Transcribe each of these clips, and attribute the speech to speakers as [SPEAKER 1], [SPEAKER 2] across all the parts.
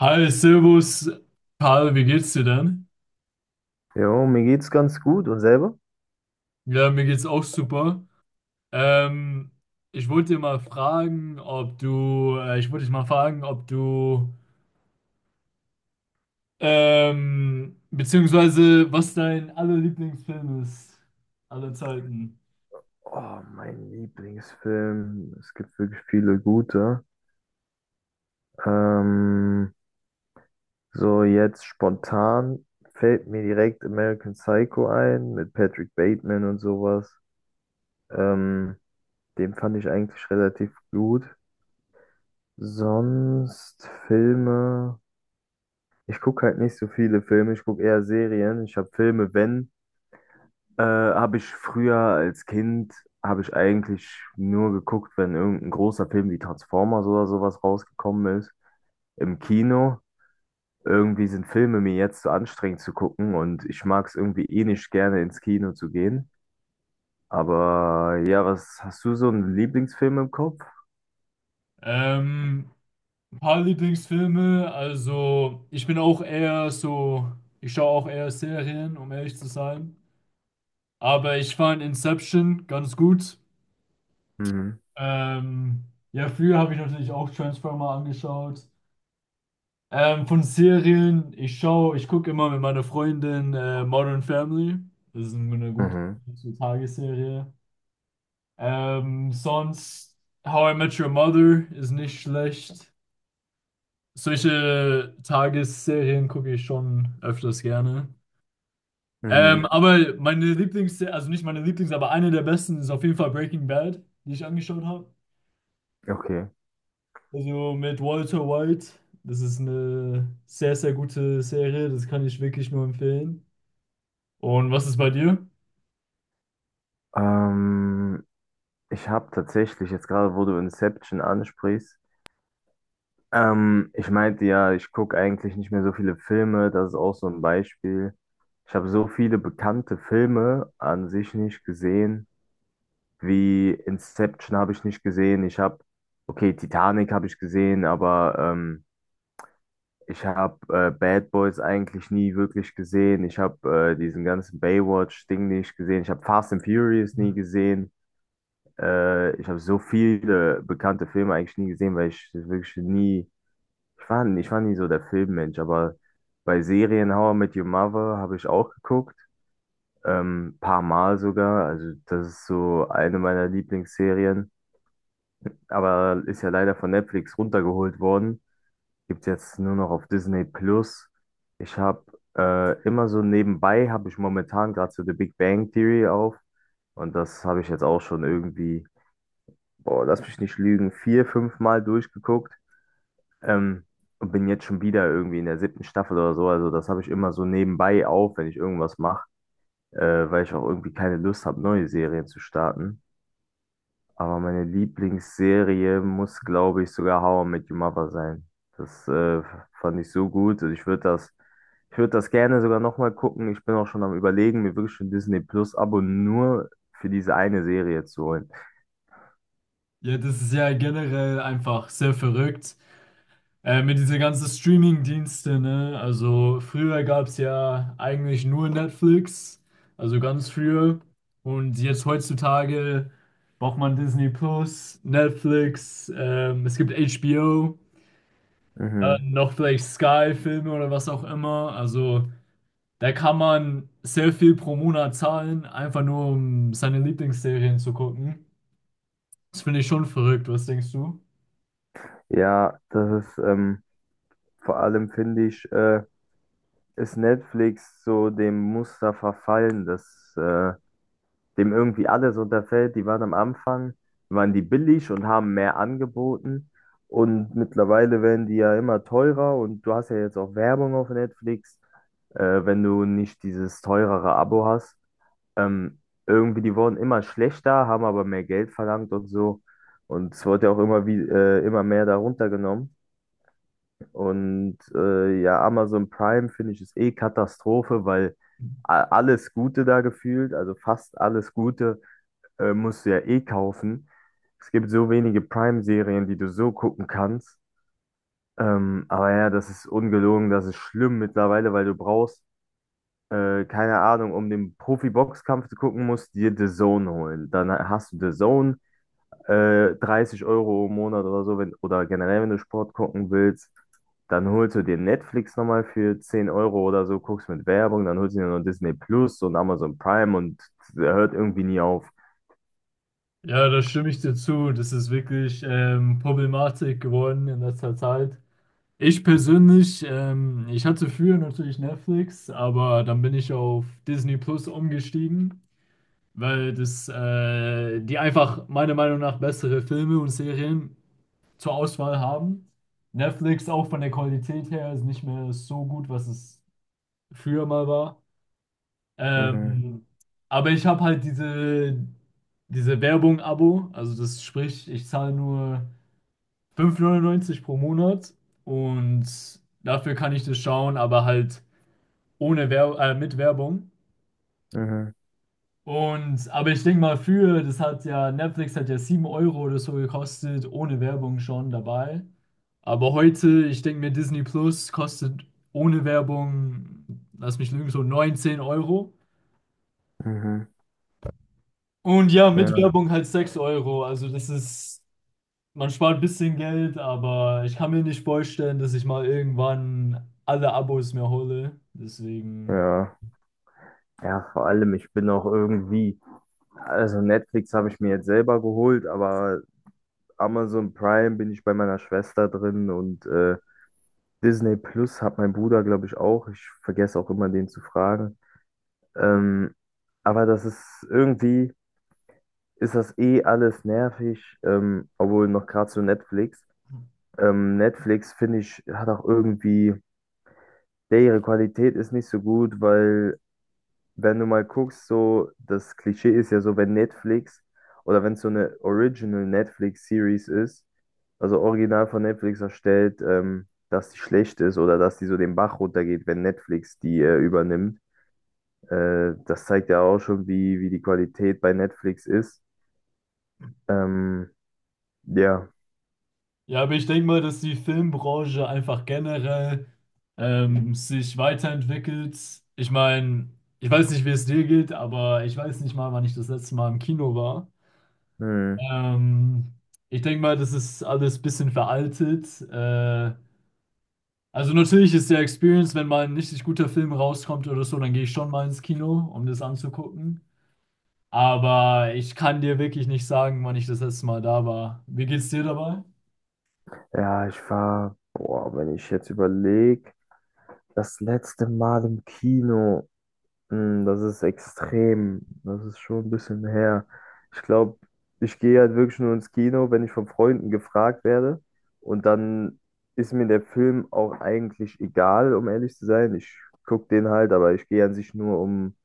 [SPEAKER 1] Hi, Servus, Karl, wie geht's dir denn?
[SPEAKER 2] Jo, mir geht's ganz gut und selber?
[SPEAKER 1] Ja, mir geht's auch super. Ähm, ich wollte dir mal fragen, ich wollte dich mal fragen, beziehungsweise was dein aller Lieblingsfilm ist aller Zeiten.
[SPEAKER 2] Oh, mein Lieblingsfilm. Es gibt wirklich viele gute. Ähm, so jetzt spontan fällt mir direkt American Psycho ein mit Patrick Bateman und sowas. Ähm, Den fand ich eigentlich relativ gut. Sonst Filme. Ich gucke halt nicht so viele Filme, ich gucke eher Serien. Ich habe Filme, wenn. Habe ich früher als Kind, habe ich eigentlich nur geguckt, wenn irgendein großer Film wie Transformers oder sowas rausgekommen ist, im Kino. Irgendwie sind Filme mir jetzt zu anstrengend zu gucken und ich mag es irgendwie eh nicht gerne ins Kino zu gehen. Aber ja, was hast du so einen Lieblingsfilm im Kopf?
[SPEAKER 1] Ähm, ein paar Lieblingsfilme, also ich bin auch eher so, ich schaue auch eher Serien, um ehrlich zu sein. Aber ich fand Inception ganz gut.
[SPEAKER 2] Mhm.
[SPEAKER 1] Ähm, ja, früher habe ich natürlich auch Transformer angeschaut. Von Serien, ich gucke immer mit meiner Freundin Modern Family. Das ist eine gute
[SPEAKER 2] Mhm.
[SPEAKER 1] Tagesserie. Sonst How I Met Your Mother ist nicht schlecht. Solche Tagesserien gucke ich schon öfters gerne.
[SPEAKER 2] Mhm.
[SPEAKER 1] Aber also nicht meine Lieblings, aber eine der besten ist auf jeden Fall Breaking Bad, die ich angeschaut habe.
[SPEAKER 2] Okay.
[SPEAKER 1] Also mit Walter White, das ist eine sehr, sehr gute Serie, das kann ich wirklich nur empfehlen. Und was ist bei dir?
[SPEAKER 2] Ähm, Ich habe tatsächlich jetzt gerade, wo du Inception ansprichst. Ich meinte ja, ich gucke eigentlich nicht mehr so viele Filme, das ist auch so ein Beispiel. Ich habe so viele bekannte Filme an sich nicht gesehen, wie Inception habe ich nicht gesehen. Ich habe, okay, Titanic habe ich gesehen, aber ich habe Bad Boys eigentlich nie wirklich gesehen. Ich habe diesen ganzen Baywatch-Ding nicht gesehen. Ich habe Fast and Furious nie gesehen. Ich habe so viele bekannte Filme eigentlich nie gesehen, weil ich wirklich nie. Ich war nie so der Filmmensch, aber bei Serien How I Met Your Mother habe ich auch geguckt, paar Mal sogar. Also das ist so eine meiner Lieblingsserien, aber ist ja leider von Netflix runtergeholt worden. Gibt's jetzt nur noch auf Disney Plus. Ich habe immer so nebenbei habe ich momentan gerade so The Big Bang Theory auf und das habe ich jetzt auch schon irgendwie, boah, lass mich nicht lügen, vier, fünf Mal durchgeguckt. Ähm, und bin jetzt schon wieder irgendwie in der siebten Staffel oder so. Also das habe ich immer so nebenbei auf, wenn ich irgendwas mache, weil ich auch irgendwie keine Lust habe, neue Serien zu starten. Aber meine Lieblingsserie muss, glaube ich, sogar How I Met Your Mother sein. Das fand ich so gut. Und ich würde das gerne sogar nochmal gucken. Ich bin auch schon am Überlegen, mir wirklich ein Disney Plus-Abo nur für diese eine Serie zu holen.
[SPEAKER 1] Ja, das ist ja generell einfach sehr verrückt. Mit diesen ganzen Streaming-Dienste, ne? Also früher gab es ja eigentlich nur Netflix, also ganz früher. Und jetzt heutzutage braucht man Disney Plus, Netflix, es gibt HBO,
[SPEAKER 2] Mhm.
[SPEAKER 1] dann noch vielleicht Sky-Filme oder was auch immer. Also da kann man sehr viel pro Monat zahlen, einfach nur um seine Lieblingsserien zu gucken. Das finde ich schon verrückt, was denkst du?
[SPEAKER 2] Ja, das ist vor allem finde ich. Ist Netflix so dem Muster verfallen, dass dem irgendwie alles unterfällt. Die waren am Anfang, waren die billig und haben mehr angeboten. Und mittlerweile werden die ja immer teurer und du hast ja jetzt auch Werbung auf Netflix, wenn du nicht dieses teurere Abo hast. Ähm, irgendwie, die wurden immer schlechter, haben aber mehr Geld verlangt und so. Und es wurde ja auch immer mehr darunter genommen. Und ja, Amazon Prime finde ich ist eh Katastrophe, weil alles Gute da gefühlt, also fast alles Gute, musst du ja eh kaufen. Es gibt so wenige Prime-Serien, die du so gucken kannst. Aber ja, das ist ungelogen, das ist schlimm mittlerweile, weil du brauchst, keine Ahnung, um den Profi-Boxkampf zu gucken, musst du dir The Zone holen. Dann hast du The Zone, 30 Euro im Monat oder so, wenn, oder generell, wenn du Sport gucken willst, dann holst du dir Netflix nochmal für 10 Euro oder so, guckst mit Werbung, dann holst du dir noch Disney Plus und Amazon Prime und der hört irgendwie nie auf.
[SPEAKER 1] Ja, da stimme ich dir zu. Das ist wirklich Problematik geworden in letzter Zeit. Ich persönlich, ich hatte früher natürlich Netflix, aber dann bin ich auf Disney Plus umgestiegen, weil die einfach meiner Meinung nach bessere Filme und Serien zur Auswahl haben. Netflix auch von der Qualität her ist nicht mehr so gut, was es früher mal war.
[SPEAKER 2] Mhm,
[SPEAKER 1] Ähm, aber ich habe halt diese Werbung-Abo, also das sprich, ich zahle nur 5,99 pro Monat und dafür kann ich das schauen, aber halt ohne Wer mit Werbung.
[SPEAKER 2] mhm,
[SPEAKER 1] Und, aber ich denke mal, das hat ja, Netflix hat ja 7€ oder so gekostet, ohne Werbung schon dabei. Aber heute, ich denke mir, Disney Plus kostet ohne Werbung, lass mich lügen, so 19€.
[SPEAKER 2] mhm.
[SPEAKER 1] Und ja, mit
[SPEAKER 2] Ja.
[SPEAKER 1] Werbung halt 6€. Also das ist, man spart ein bisschen Geld, aber ich kann mir nicht vorstellen, dass ich mal irgendwann alle Abos mir hole. Deswegen.
[SPEAKER 2] Ja, ja, vor allem, ich bin auch irgendwie, also Netflix habe ich mir jetzt selber geholt, aber Amazon Prime bin ich bei meiner Schwester drin und Disney Plus hat mein Bruder, glaube ich, auch. Ich vergesse auch immer, den zu fragen. Ähm, aber das ist irgendwie, ist das eh alles nervig, obwohl noch gerade zu Netflix. Netflix, finde ich, hat auch irgendwie, ja, ihre Qualität ist nicht so gut, weil wenn du mal guckst, so, das Klischee ist ja so, wenn Netflix oder wenn es so eine Original Netflix-Series ist, also original von Netflix erstellt, dass die schlecht ist oder dass die so den Bach runtergeht, wenn Netflix die übernimmt. Das zeigt ja auch schon, wie, die Qualität bei Netflix ist. Ähm, ja,
[SPEAKER 1] Ja, aber ich denke mal, dass die Filmbranche einfach generell sich weiterentwickelt. Ich meine, ich weiß nicht, wie es dir geht, aber ich weiß nicht mal, wann ich das letzte Mal im Kino war.
[SPEAKER 2] hm.
[SPEAKER 1] Ähm, ich denke mal, das ist alles ein bisschen veraltet. Also natürlich ist der Experience, wenn mal ein richtig guter Film rauskommt oder so, dann gehe ich schon mal ins Kino, um das anzugucken. Aber ich kann dir wirklich nicht sagen, wann ich das letzte Mal da war. Wie geht's dir dabei?
[SPEAKER 2] Ja, ich war, boah, wenn ich jetzt überlege, das letzte Mal im Kino, das ist extrem, das ist schon ein bisschen her. Ich glaube, ich gehe halt wirklich nur ins Kino, wenn ich von Freunden gefragt werde. Und dann ist mir der Film auch eigentlich egal, um ehrlich zu sein. Ich gucke den halt, aber ich gehe an sich nur, um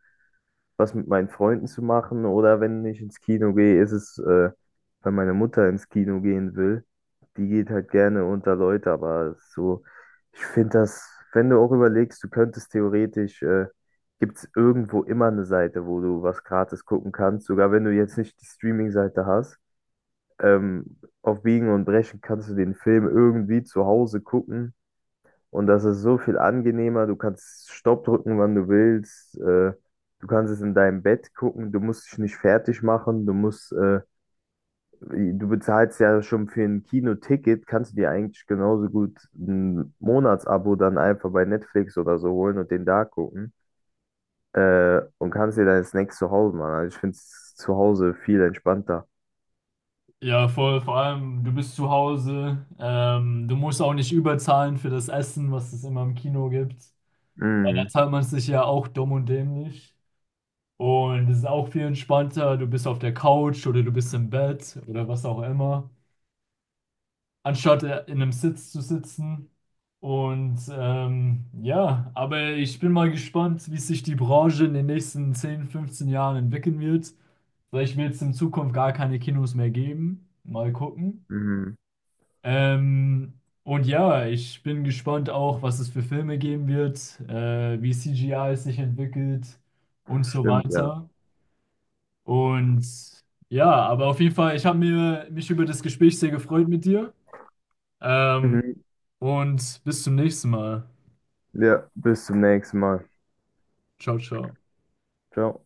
[SPEAKER 2] was mit meinen Freunden zu machen. Oder wenn ich ins Kino gehe, ist es, wenn meine Mutter ins Kino gehen will. Die geht halt gerne unter Leute, aber so, ich finde das, wenn du auch überlegst, du könntest theoretisch, gibt es irgendwo immer eine Seite, wo du was gratis gucken kannst, sogar wenn du jetzt nicht die Streaming-Seite hast. Auf Biegen und Brechen kannst du den Film irgendwie zu Hause gucken und das ist so viel angenehmer. Du kannst Stopp drücken, wann du willst. Du kannst es in deinem Bett gucken. Du musst dich nicht fertig machen. Du bezahlst ja schon für ein Kinoticket. Kannst du dir eigentlich genauso gut ein Monatsabo dann einfach bei Netflix oder so holen und den da gucken. Und kannst dir deine Snacks zu Hause machen. Also ich finde es zu Hause viel entspannter.
[SPEAKER 1] Ja, voll. Vor allem, du bist zu Hause. Du musst auch nicht überzahlen für das Essen, was es immer im Kino gibt. Weil da
[SPEAKER 2] Mhm.
[SPEAKER 1] zahlt man sich ja auch dumm und dämlich. Und es ist auch viel entspannter. Du bist auf der Couch oder du bist im Bett oder was auch immer. Anstatt in einem Sitz zu sitzen. Und ja, aber ich bin mal gespannt, wie sich die Branche in den nächsten 10 bis 15 Jahren entwickeln wird. Vielleicht wird es in Zukunft gar keine Kinos mehr geben. Mal gucken.
[SPEAKER 2] Mhm.
[SPEAKER 1] Ähm, und ja, ich bin gespannt auch, was es für Filme geben wird, wie CGI es sich entwickelt und so
[SPEAKER 2] Stimmt, ja.
[SPEAKER 1] weiter. Und ja, aber auf jeden Fall, ich habe mir mich über das Gespräch sehr gefreut mit dir. Ähm,
[SPEAKER 2] Mhm.
[SPEAKER 1] und bis zum nächsten Mal.
[SPEAKER 2] Ja, bis zum nächsten Mal.
[SPEAKER 1] Ciao, ciao.
[SPEAKER 2] Ciao.